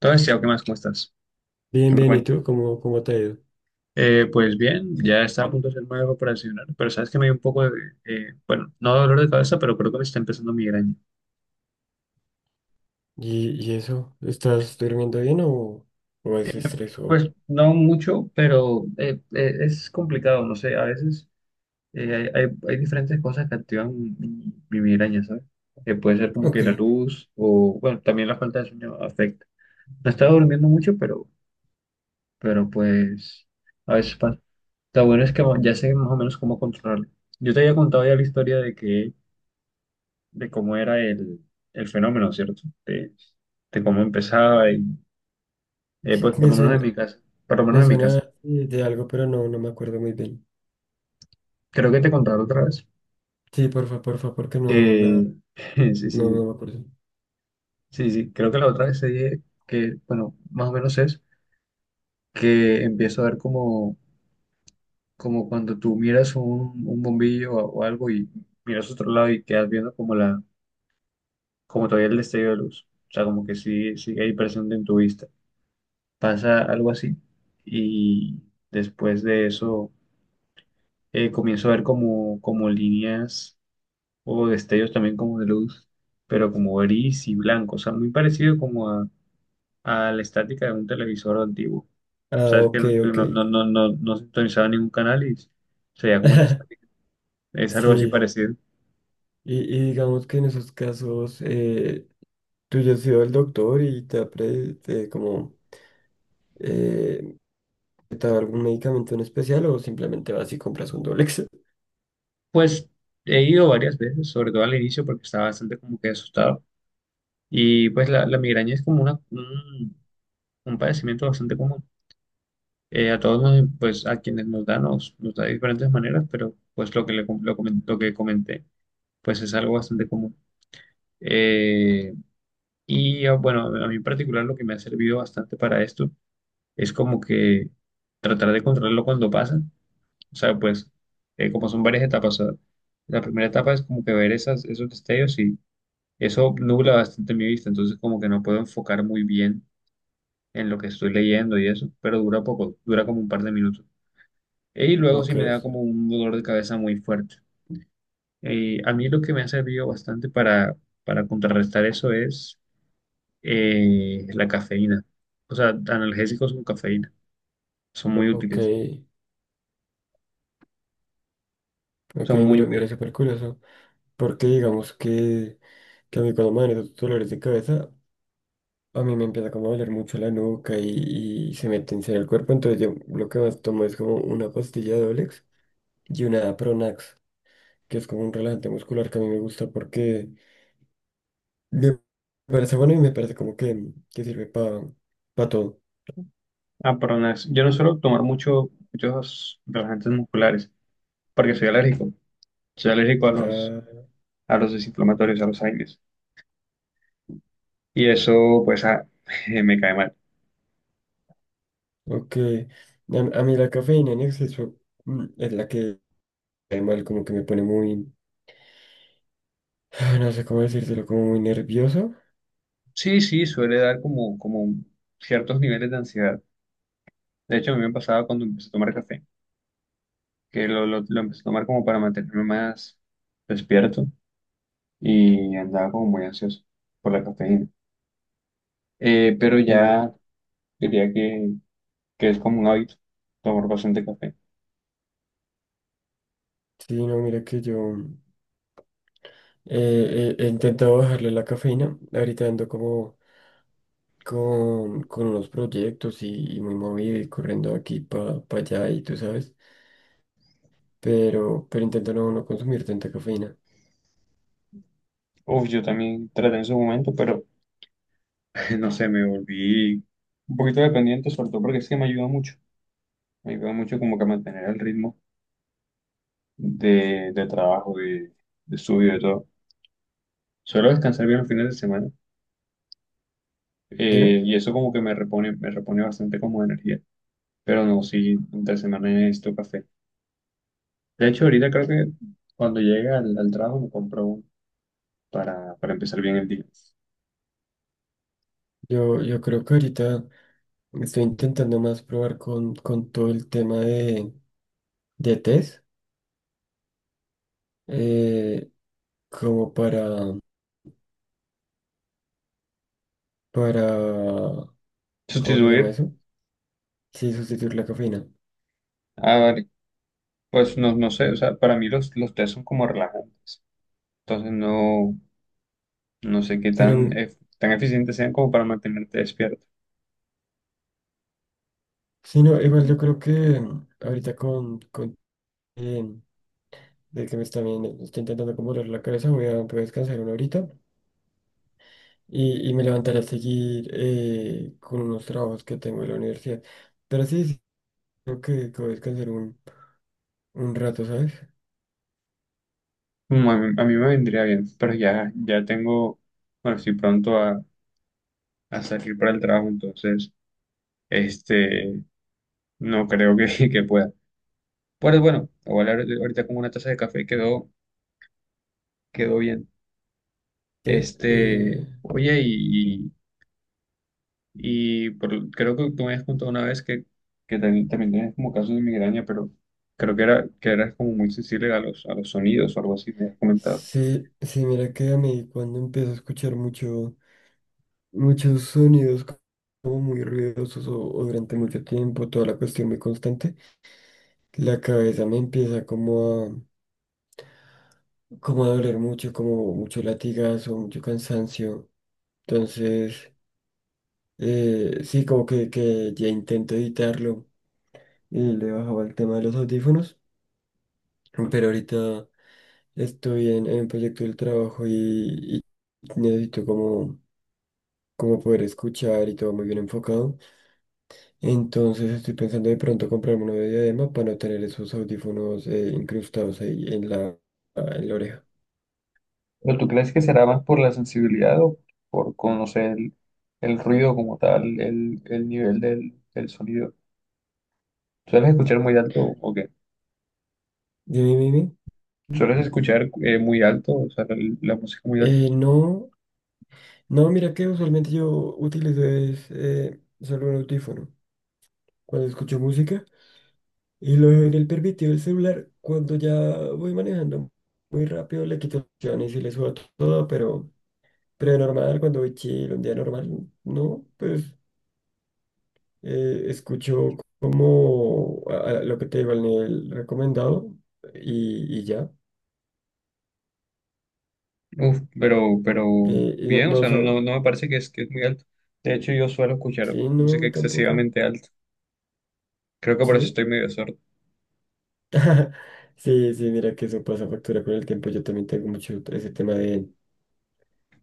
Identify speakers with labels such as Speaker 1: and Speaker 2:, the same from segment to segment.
Speaker 1: Entonces, Tiago, ¿qué más? ¿Cómo estás?
Speaker 2: Bien,
Speaker 1: ¿Qué me
Speaker 2: bien, ¿y
Speaker 1: cuentas?
Speaker 2: tú? ¿Cómo te ha ido?
Speaker 1: Pues bien, ya está a punto de ser nuevo operacional, pero sabes que me dio un poco de, bueno, no dolor de cabeza, pero creo que me está empezando migraña.
Speaker 2: ¿Y eso? ¿Estás durmiendo bien o es estrés o...?
Speaker 1: Pues no mucho, pero es complicado, no sé, a veces hay diferentes cosas que activan mi migraña, ¿sabes? Puede ser como que
Speaker 2: Ok,
Speaker 1: la luz o, bueno, también la falta de sueño afecta. No estaba durmiendo mucho, pero pues a veces pasa. Lo bueno es que ya sé más o menos cómo controlarlo. Yo te había contado ya la historia de que de cómo era el fenómeno, ¿cierto? De cómo empezaba y,
Speaker 2: que-
Speaker 1: pues por
Speaker 2: me
Speaker 1: lo menos en
Speaker 2: suena,
Speaker 1: mi casa, por lo menos
Speaker 2: me
Speaker 1: en mi
Speaker 2: suena
Speaker 1: casa.
Speaker 2: de algo, pero no, no me acuerdo muy bien.
Speaker 1: Creo que te contaron otra vez
Speaker 2: Sí, porfa, porfa, porque no,
Speaker 1: que, sí, sí,
Speaker 2: no,
Speaker 1: sí,
Speaker 2: no me acuerdo.
Speaker 1: sí, sí, creo que la otra vez te dije que, bueno, más o menos es que empiezo a ver como, como cuando tú miras un bombillo o algo y miras otro lado y quedas viendo como la, como todavía el destello de luz. O sea, como que sí, sigue ahí presente en tu vista. Pasa algo así y después de eso comienzo a ver como, como líneas o destellos también como de luz, pero como gris y blanco, o sea, muy parecido como a la estática de un televisor antiguo. O
Speaker 2: Ah,
Speaker 1: sea, es que
Speaker 2: ok,
Speaker 1: no,
Speaker 2: ok.
Speaker 1: no, no, no, no, no sintonizaba ningún canal y sería como esa estática. Es algo así
Speaker 2: Sí,
Speaker 1: parecido.
Speaker 2: y digamos que en esos casos, tú ya has ido al doctor y te ha te como. Eh, ¿Te ha dado algún medicamento en especial o simplemente vas y compras un Dolex?
Speaker 1: Pues he ido varias veces, sobre todo al inicio porque estaba bastante como que asustado. Y pues la migraña es como una, un padecimiento bastante común. A todos, nos- pues a quienes nos da, nos da de diferentes maneras, pero pues lo que, le, com- lo, comen- lo que comenté, pues es algo bastante común. Eh, bueno, a mí en particular lo que me ha servido bastante para esto es como que tratar de controlarlo cuando pasa. O sea, pues como son varias etapas, o sea, la primera etapa es como que ver esas, esos destellos y eso nubla bastante mi vista, entonces como que no puedo enfocar muy bien en lo que estoy leyendo y eso, pero dura poco, dura como un par de minutos. Y luego sí
Speaker 2: Ok,
Speaker 1: me da como un dolor de cabeza muy fuerte. A mí lo que me ha servido bastante para contrarrestar eso es la cafeína. O sea, analgésicos con cafeína. Son muy
Speaker 2: ok.
Speaker 1: útiles.
Speaker 2: Ok,
Speaker 1: Son muy,
Speaker 2: mira,
Speaker 1: muy...
Speaker 2: mira, súper curioso. Porque digamos que a mí cuando me dan esos dolores de cabeza, a mí me empieza como a doler mucho la nuca y se me tensa el cuerpo. Entonces yo lo que más tomo es como una pastilla de Olex y una Pronax, que es como un relajante muscular que a mí me gusta porque me parece bueno y me parece como que sirve para todo.
Speaker 1: Ah, perdón, es- yo no suelo tomar mucho, muchos relajantes musculares porque soy alérgico. Soy alérgico
Speaker 2: Ah,
Speaker 1: a los desinflamatorios, a los aires. Y eso, pues, ah, me cae mal.
Speaker 2: ok. A mí la cafeína en exceso es la que, mal como que me pone muy. No sé cómo decírtelo, como muy nervioso.
Speaker 1: Sí, sí, suele dar como, como ciertos niveles de ansiedad. De hecho, a mí me pasaba cuando empecé a tomar café, que lo empecé a tomar como para mantenerme más despierto y andaba como muy ansioso por la cafeína. Pero
Speaker 2: Sí,
Speaker 1: ya diría que es como un hábito tomar bastante café.
Speaker 2: sí, no, mira que yo he intentado bajarle la cafeína. Ahorita ando como con unos proyectos y muy movido y corriendo de aquí para allá y tú sabes. Pero, intento no, no consumir tanta cafeína.
Speaker 1: Uf, yo también traté en su momento, pero no sé, me volví un poquito dependiente, sobre todo porque es que me ayuda mucho. Me ayuda mucho como que a mantener el ritmo de trabajo, de estudio, de todo. Suelo descansar bien los fines de semana
Speaker 2: Dime.
Speaker 1: y eso como que me repone bastante como de energía. Pero no, sí, entre semana necesito café. De hecho, ahorita creo que cuando llegue al, al trabajo me compro uno para empezar bien el día.
Speaker 2: Yo creo que ahorita estoy intentando más probar con todo el tema de test. eh, Como para, para, ¿cómo se llama
Speaker 1: Sustituir,
Speaker 2: eso? Sí, sustituir la cafeína.
Speaker 1: a ver, pues no, no sé, o sea, para mí los tés son como relajantes. Entonces no, no sé qué
Speaker 2: Pero.
Speaker 1: tan, ef- tan eficientes sean como para mantenerte despierto.
Speaker 2: Sí, no, igual yo creo que ahorita con eh, de que me está, bien, está intentando como doler la cabeza, voy a descansar una horita y me levantaré a seguir con unos trabajos que tengo en la universidad. Pero sí, sí, creo que voy a descansar un rato, ¿sabes?
Speaker 1: Mm, a mí me vendría bien, pero ya, ya tengo, bueno, estoy pronto a salir para el trabajo, entonces, este, no creo que, que pueda. Pero bueno, igual ahor- ahorita con una taza de café quedó quedó bien.
Speaker 2: Sí,
Speaker 1: Este,
Speaker 2: eh,
Speaker 1: oye, y por- creo que tú me habías contado una vez que también, también tienes como casos de migraña, pero creo que era, que eras como muy sensible a los sonidos o algo así, me habías comentado.
Speaker 2: sí, sí, mira que a mí cuando empiezo a escuchar mucho, muchos sonidos como muy ruidosos o durante mucho tiempo, toda la cuestión muy constante, la cabeza me empieza como a doler mucho, como mucho latigazo, mucho cansancio. Entonces, sí, como que ya intento evitarlo y le bajaba el tema de los audífonos, pero ahorita estoy en un proyecto del trabajo y necesito como poder escuchar y todo muy bien enfocado. Entonces estoy pensando de pronto comprarme uno de diadema para no tener esos audífonos incrustados ahí en la oreja.
Speaker 1: ¿Pero tú crees que será más por la sensibilidad o por conocer el ruido como tal, el nivel del, del sonido? ¿Sueles escuchar muy alto o qué?
Speaker 2: Dime, dime.
Speaker 1: ¿Sueles escuchar muy alto, o sea, la música muy alta?
Speaker 2: No, no, mira que usualmente yo utilizo solo un audífono cuando escucho música y lo dejo en el permitido del celular cuando ya voy manejando muy rápido, le quito las opciones y le subo todo, pero, normal, cuando voy chill, un día normal, no, pues escucho como a lo que te digo al nivel recomendado y ya.
Speaker 1: Uf, pero
Speaker 2: Y no,
Speaker 1: bien, o
Speaker 2: no, o
Speaker 1: sea, no,
Speaker 2: sea,
Speaker 1: no, no me parece que es muy alto. De hecho, yo suelo escuchar
Speaker 2: sí, no, a
Speaker 1: música
Speaker 2: mí tampoco,
Speaker 1: excesivamente alta. Creo que por eso
Speaker 2: sí.
Speaker 1: estoy medio sordo.
Speaker 2: Sí, sí, mira que eso pasa factura con el tiempo. Yo también tengo mucho ese tema de,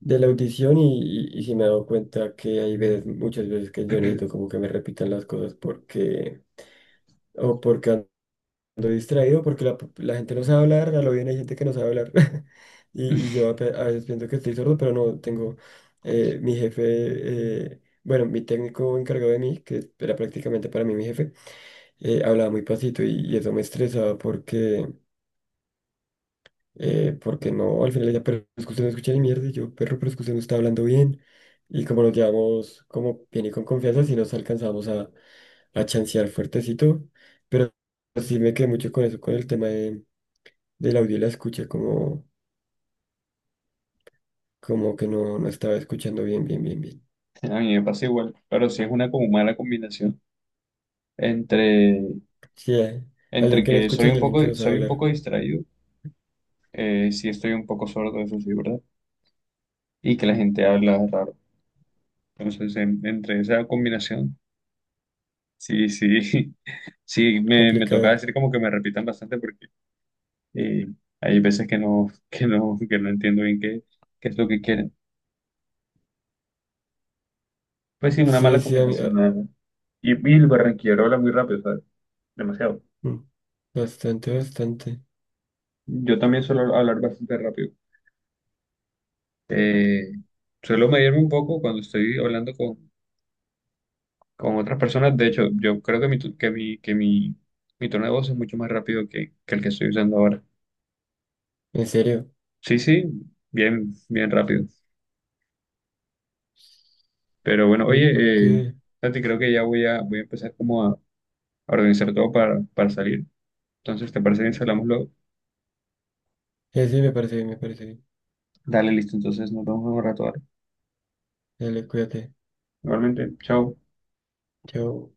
Speaker 2: de la audición y sí me he dado cuenta que hay veces, muchas veces que yo necesito como que me repitan las cosas porque o porque ando distraído, porque la gente no sabe hablar, a lo bien hay gente que no sabe hablar. Y yo a veces pienso que estoy sordo, pero no tengo mi jefe, bueno, mi técnico encargado de mí, que era prácticamente para mí mi jefe, hablaba muy pasito y eso me estresaba porque no, al final ella, pero es que usted no escucha ni mierda, y yo, perro, pero es que usted no está hablando bien. Y como nos llevamos como bien y con confianza, sí nos alcanzamos a chancear fuertecito, pero sí me quedé mucho con eso, con el tema del audio y la escucha, como que no, no estaba escuchando bien, bien, bien, bien.
Speaker 1: A mí me pasa igual, pero sí es una como mala combinación entre,
Speaker 2: Sí, alguien
Speaker 1: entre
Speaker 2: que no
Speaker 1: que
Speaker 2: escucha y alguien que no sabe
Speaker 1: soy un
Speaker 2: hablar,
Speaker 1: poco distraído, sí estoy un poco sordo, eso sí, ¿verdad? Y que la gente habla raro. Entonces, en- entre esa combinación, sí, sí, sí, me toca
Speaker 2: complicado.
Speaker 1: decir como que me repitan bastante. Y hay veces que no, que no entiendo bien qué, qué es lo que quieren. Pues sí, una
Speaker 2: Sí,
Speaker 1: mala
Speaker 2: sí, a mí,
Speaker 1: combinación,
Speaker 2: ah,
Speaker 1: nada más. Y el barranquillero habla muy rápido, ¿sabes? Demasiado.
Speaker 2: mm, bastante, bastante,
Speaker 1: Yo también suelo hablar bastante rápido. Eh, suelo medirme un poco cuando estoy hablando con otras personas. De hecho, yo creo que mi, tu- que mi tono de voz es mucho más rápido que el que estoy usando ahora.
Speaker 2: en serio.
Speaker 1: Sí, sí, bien, bien rápido. Pero bueno,
Speaker 2: Sí,
Speaker 1: oye, Santi, creo que ya voy a, voy a empezar como a organizar todo para salir. Entonces, ¿te parece bien si hablamos luego?
Speaker 2: sí, me parece bien, me parece bien.
Speaker 1: Dale, listo. Entonces nos vemos en un rato, ¿vale?
Speaker 2: Dale, cuídate.
Speaker 1: Igualmente, chao.
Speaker 2: Chao.